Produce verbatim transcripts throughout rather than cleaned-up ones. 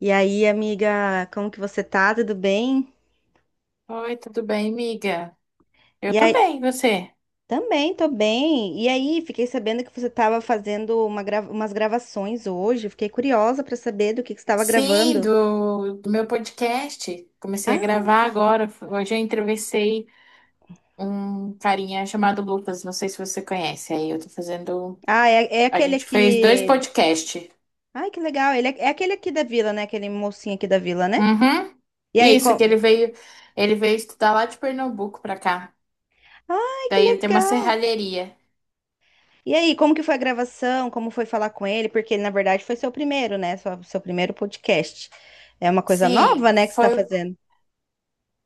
E aí, amiga, como que você tá? Tudo bem? Oi, tudo bem, amiga? Eu E tô aí, bem, e você? também tô bem. E aí, fiquei sabendo que você estava fazendo uma grava- umas gravações hoje. Fiquei curiosa para saber do que que você estava Sim, gravando. do, do meu podcast. Comecei a Ah, gravar agora. Hoje eu entrevistei um carinha chamado Lucas, não sei se você conhece. Aí eu tô fazendo. ah, é, é A aquele gente fez dois aqui. podcasts. Ai, que legal. Ele é, é aquele aqui da vila, né? Aquele mocinho aqui da vila, né? Uhum. E aí, Isso, como? que ele veio, ele veio estudar lá de Pernambuco pra cá. Ai, que Daí ele tem uma legal. serralheria. E aí, como que foi a gravação? Como foi falar com ele? Porque ele, na verdade, foi seu primeiro, né? Sua- Seu primeiro podcast. É uma coisa nova, Sim, né, que você tá foi fazendo.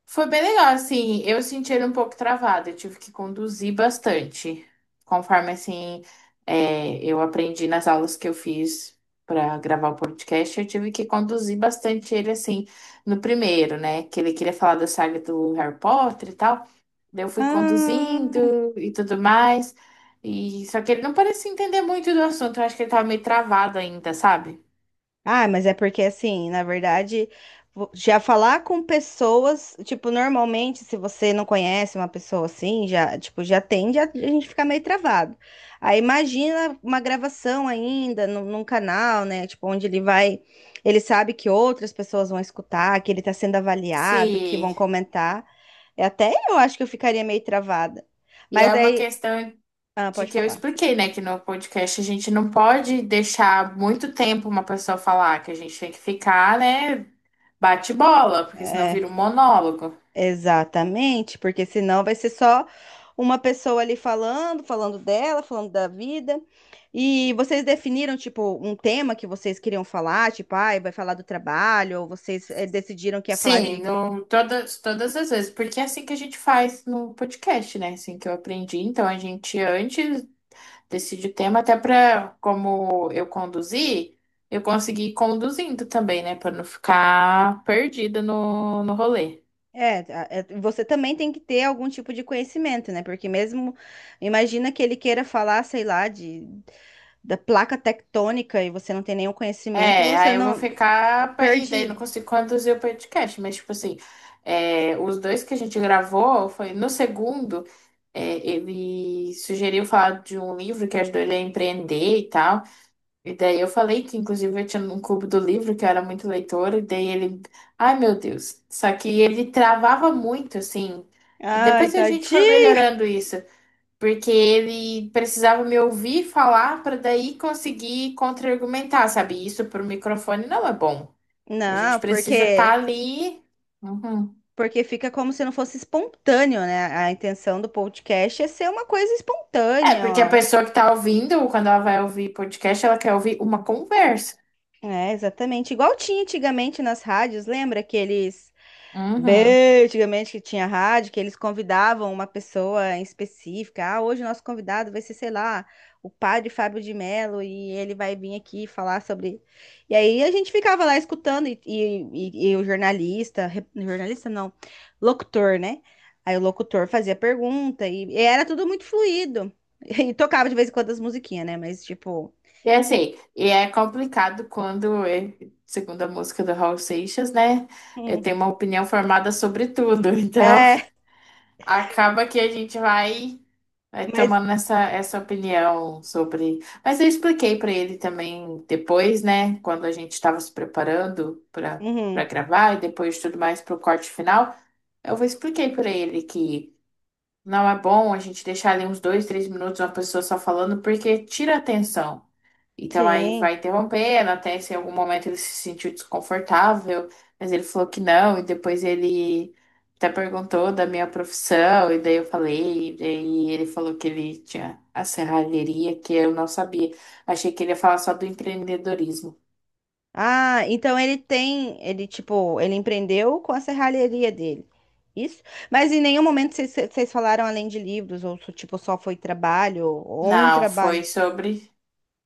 Foi bem legal, assim, eu senti ele um pouco travado, eu tive que conduzir bastante, conforme, assim, é, eu aprendi nas aulas que eu fiz para gravar o podcast, eu tive que conduzir bastante ele, assim, no primeiro, né, que ele queria falar da saga do Harry Potter e tal, daí eu fui Ah. conduzindo e tudo mais, e só que ele não parecia entender muito do assunto, eu acho que ele tava meio travado ainda, sabe? Ah, mas é porque assim, na verdade, vo- já falar com pessoas, tipo, normalmente, se você não conhece uma pessoa assim, já, tipo, já tende a, a gente ficar meio travado. Aí imagina uma gravação ainda num, num canal, né? Tipo, onde ele vai, ele sabe que outras pessoas vão escutar, que ele tá sendo avaliado, que vão Se... comentar. É. Até eu acho que eu ficaria meio travada. E é Mas uma aí, questão ah, de pode que eu falar. expliquei, né, que no podcast a gente não pode deixar muito tempo uma pessoa falar, que a gente tem que ficar, né, bate bola, porque senão É. vira um monólogo. Exatamente, porque senão vai ser só uma pessoa ali falando, falando dela, falando da vida. E vocês definiram, tipo, um tema que vocês queriam falar, tipo, ai, vai falar do trabalho, ou vocês eh, decidiram que ia falar Sim, de. Sim. no, todas, todas as vezes, porque é assim que a gente faz no podcast, né? É assim que eu aprendi. Então a gente antes decide o tema, até para como eu conduzir, eu consegui ir conduzindo também, né? Para não ficar perdida no, no rolê. É, a- é, você também tem que ter algum tipo de conhecimento, né? Porque mesmo, imagina que ele queira falar, sei lá, de, da placa tectônica e você não tem nenhum conhecimento, É, você aí eu vou não. ficar pra- e daí não Perdido. consigo conduzir o podcast, mas, tipo assim, é, os dois que a gente gravou foi no segundo, é, ele sugeriu falar de um livro que ajudou ele a empreender e tal. E daí eu falei que, inclusive, eu tinha um clube do livro, que eu era muito leitora, e daí ele. Ai, meu Deus! Só que ele travava muito, assim. Ai, Depois a gente foi tadinho! melhorando isso. Porque ele precisava me ouvir falar para daí conseguir contra-argumentar, sabe? Isso para o microfone não é bom. A gente Não, precisa estar porque ali. Uhum. porque fica como se não fosse espontâneo, né? A intenção do podcast é ser uma coisa É, espontânea, porque a ó. pessoa que está ouvindo, quando ela vai ouvir podcast, ela quer ouvir uma conversa. É, exatamente. Igual tinha antigamente nas rádios, lembra que eles Uhum. bem, antigamente que tinha rádio, que eles convidavam uma pessoa em específica. Ah, hoje o nosso convidado vai ser, sei lá, o padre Fábio de Mello e ele vai vir aqui falar sobre. E aí a gente ficava lá escutando e, e, e- e o jornalista, re- jornalista não, locutor, né? Aí o locutor fazia pergunta e, e era tudo muito fluido. E tocava de vez em quando as musiquinhas, né? Mas tipo, E assim, e é complicado quando, é, segundo a música do Raul Seixas, né? Eu hum, tenho uma opinião formada sobre tudo. Então, é, acaba que a gente vai. Vai mas tomando essa, essa opinião sobre. Mas eu expliquei para ele também depois, né? Quando a gente estava se preparando para para uhum, gravar e depois de tudo mais para o corte final, eu expliquei para ele que não é bom a gente deixar ali uns dois, três minutos uma pessoa só falando, porque tira a atenção. Então aí sim. vai interrompendo, até se em algum momento ele se sentiu desconfortável, mas ele falou que não, e depois ele até perguntou da minha profissão, e daí eu falei, e daí ele falou que ele tinha a serralheria, que eu não sabia. Achei que ele ia falar só do empreendedorismo. Ah, então ele tem, ele tipo, ele empreendeu com a serralheria dele. Isso? Mas em nenhum momento vocês vocês falaram além de livros, ou so- tipo, só foi trabalho, ou um Não, foi trabalho. sobre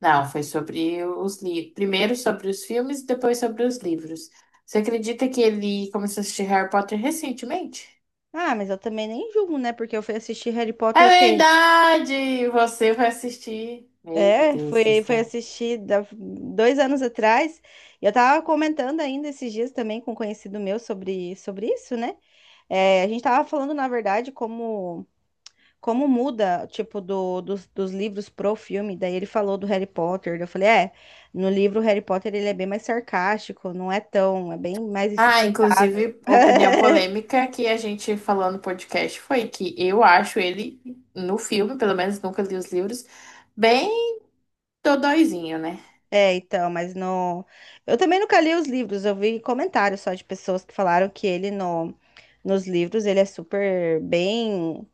Não, foi sobre os livros. Primeiro sobre os filmes e depois sobre os livros. Você acredita que ele começou a assistir Harry Potter recentemente? Ah, mas eu também nem julgo, né? Porque eu fui assistir Harry Potter É o quê? verdade! Você vai assistir. Meu É, Deus do foi, foi céu. assistir da- dois anos atrás. E eu tava comentando ainda esses dias também com um conhecido meu sobre, sobre isso, né? É, a gente tava falando, na verdade, como. Como muda, tipo, do, dos, dos livros pro filme, daí ele falou do Harry Potter, daí eu falei, é, no livro o Harry Potter ele é bem mais sarcástico, não é tão, é bem mais Ah, insuportável. inclusive, opinião polêmica que a gente falou no podcast foi que eu acho ele, no filme, pelo menos nunca li os livros, bem dodóizinho, né? É, então, mas no... Eu também nunca li os livros, eu vi comentários só de pessoas que falaram que ele no... Nos livros ele é super bem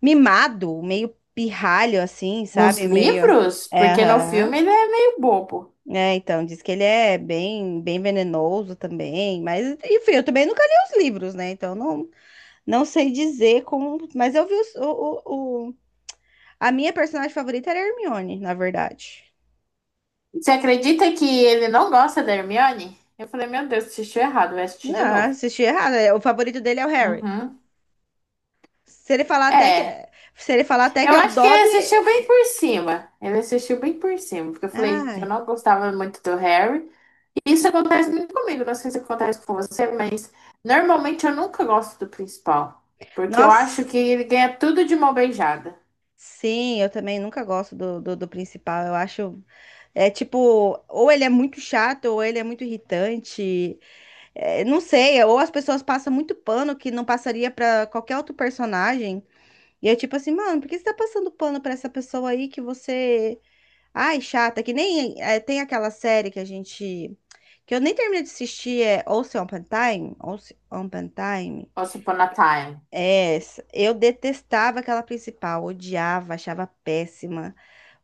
mimado, meio pirralho, assim, Nos sabe? Meio... livros, É, porque no filme aham. ele é meio bobo. É, então, diz que ele é bem, bem venenoso também, mas enfim, eu também nunca li os livros, né? Então não, não sei dizer como, mas eu vi os- o, o, o- a minha personagem favorita era a Hermione, na verdade. Você acredita que ele não gosta da Hermione? Eu falei, meu Deus, assistiu errado, vai assistir de Não, novo. assisti errado. é, O favorito dele é o Harry. Uhum. Se ele falar até que, É, se ele falar até que eu é o acho que ele Dobby, assistiu bem por cima. Ele assistiu bem por cima, porque eu falei que ai, eu não gostava muito do Harry. E isso acontece muito comigo, não sei se acontece com você, mas normalmente eu nunca gosto do principal, porque eu acho nossa. que ele ganha tudo de mão beijada. Sim, eu também nunca gosto do, do, do principal. Eu acho é tipo, ou ele é muito chato, ou ele é muito irritante. É, não sei, ou as pessoas passam muito pano que não passaria pra qualquer outro personagem. E é tipo assim, mano, por que você tá passando pano pra essa pessoa aí que você. Ai, chata, que nem é, tem aquela série que a gente. Que eu nem terminei de assistir, é Once Upon a Time. Once Upon a Time. Once upon a time. É, essa. Eu detestava aquela principal, odiava, achava péssima.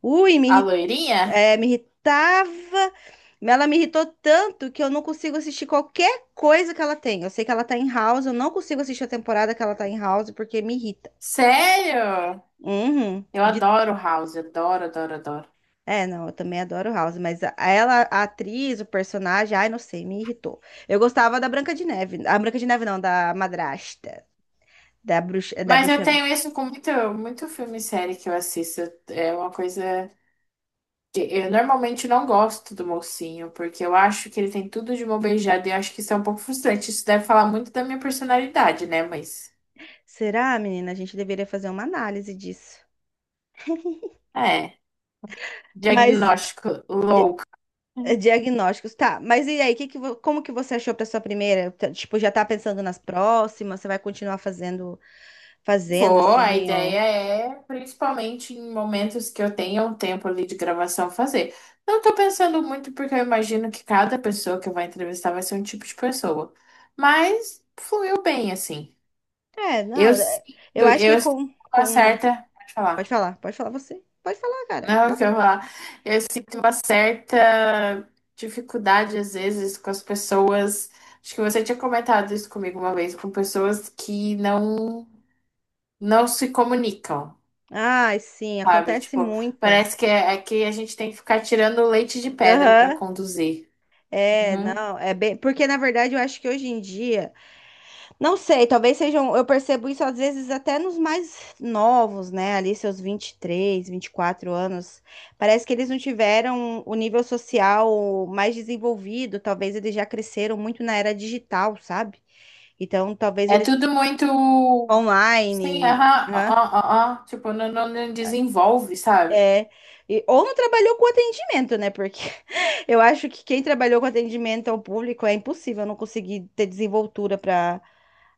Ui, A me loirinha? é, me irritava. Ela me irritou tanto que eu não consigo assistir qualquer coisa que ela tem. Eu sei que ela tá em House, eu não consigo assistir a temporada que ela tá em House porque me irrita. Sério? Uhum. Eu De- adoro o House, adoro, adoro, adoro. É, não, eu também adoro House, mas a- ela, a atriz, o personagem, ai, não sei, me irritou. Eu gostava da Branca de Neve. A Branca de Neve não, da madrasta, da bruxa, da Mas eu bruxa. tenho isso com muito, muito filme e série que eu assisto. É uma coisa que eu normalmente não gosto do mocinho, porque eu acho que ele tem tudo de mão beijada e eu acho que isso é um pouco frustrante. Isso deve falar muito da minha personalidade, né? Mas Será, menina? A gente deveria fazer uma análise disso. é, Mas diagnóstico louco. é, diagnósticos, tá. Mas e aí, que que, vo- como que você achou para sua primeira? Tá, tipo, já tá pensando nas próximas? Você vai continuar fazendo, fazendo Vou, a assim, ou... ideia é, principalmente em momentos que eu tenha um tempo ali de gravação, fazer. Não tô pensando muito, porque eu imagino que cada pessoa que eu vou entrevistar vai ser um tipo de pessoa. Mas fluiu bem, assim. É, não, Eu é, sinto, eu acho que eu sinto com, uma com... certa. Pode Pode falar. falar, pode falar você. Pode falar, cara. Não, Fala. que eu vou falar. Eu sinto uma certa dificuldade, às vezes, com as pessoas. Acho que você tinha comentado isso comigo uma vez, com pessoas que não, não se comunicam, Ai, sim, sabe? acontece Tipo, muito. parece que é, é que a gente tem que ficar tirando leite de pedra para Aham. conduzir. É, Uhum. não, é bem... Porque, na verdade, eu acho que hoje em dia... Não sei, talvez sejam. Eu percebo isso às vezes até nos mais novos, né? Ali, seus vinte vinte e três, vinte e quatro anos. Parece que eles não tiveram o nível social mais desenvolvido. Talvez eles já cresceram muito na era digital, sabe? Então, talvez É eles tudo muito. Sim, online. aham, ó, Hã? ó, ó, ó. Tipo, não, não não desenvolve, sabe? É. E- ou não trabalhou com atendimento, né? Porque eu acho que quem trabalhou com atendimento ao público é impossível não conseguir ter desenvoltura para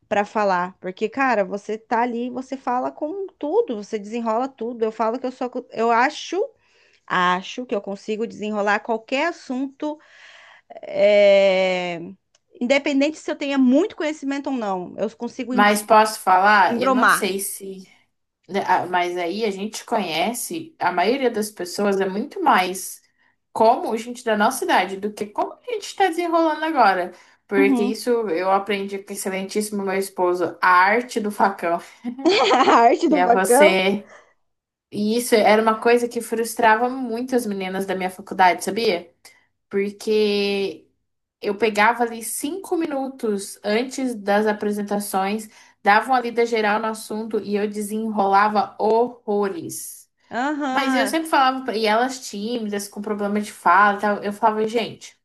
para falar, porque cara, você tá ali, você fala com tudo, você desenrola tudo. Eu falo que eu sou, eu acho, acho que eu consigo desenrolar qualquer assunto, é, independente se eu tenha muito conhecimento ou não, eu consigo em- Mas posso falar? Eu não embromar. sei se. Né, ah, mas aí a gente conhece, a maioria das pessoas é muito mais como gente da nossa idade do que como a gente está desenrolando agora. Porque Uhum. isso eu aprendi com o excelentíssimo meu esposo, a arte do facão, A arte que do é facão. você. E isso era uma coisa que frustrava muito as meninas da minha faculdade, sabia? Porque eu pegava ali cinco minutos antes das apresentações, dava uma lida geral no assunto e eu desenrolava horrores. Mas eu Aham. sempre falava, pra- e elas tímidas, com problema de fala e tal, eu falava, gente,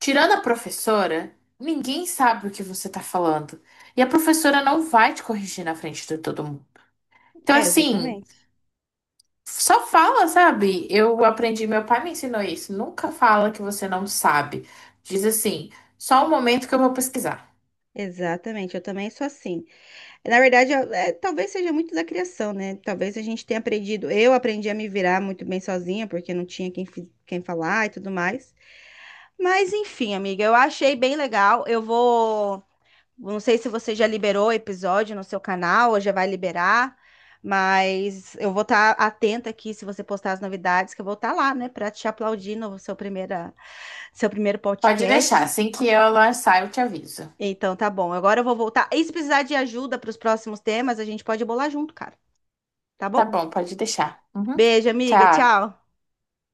tirando a professora, ninguém sabe o que você tá falando. E a professora não vai te corrigir na frente de todo mundo. Então, É, assim, exatamente. só fala, sabe? Eu aprendi, meu pai me ensinou isso. Nunca fala que você não sabe. Diz assim, só um momento que eu vou pesquisar. Exatamente, eu também sou assim. Na verdade, eu- é, talvez seja muito da criação, né? Talvez a gente tenha aprendido. Eu aprendi a me virar muito bem sozinha, porque não tinha quem, fi- quem falar e tudo mais. Mas enfim, amiga, eu achei bem legal. Eu vou. Não sei se você já liberou o episódio no seu canal, ou já vai liberar, mas eu vou estar atenta aqui se você postar as novidades, que eu vou estar lá, né, para te aplaudir no seu primeira, seu primeiro Pode podcast. deixar, assim que ela sair, eu te aviso. Então tá bom. Agora eu vou voltar. E se precisar de ajuda para os próximos temas, a gente pode bolar junto, cara. Tá Tá bom? bom, pode deixar. Uhum. Beijo, amiga. Tchau. Tchau.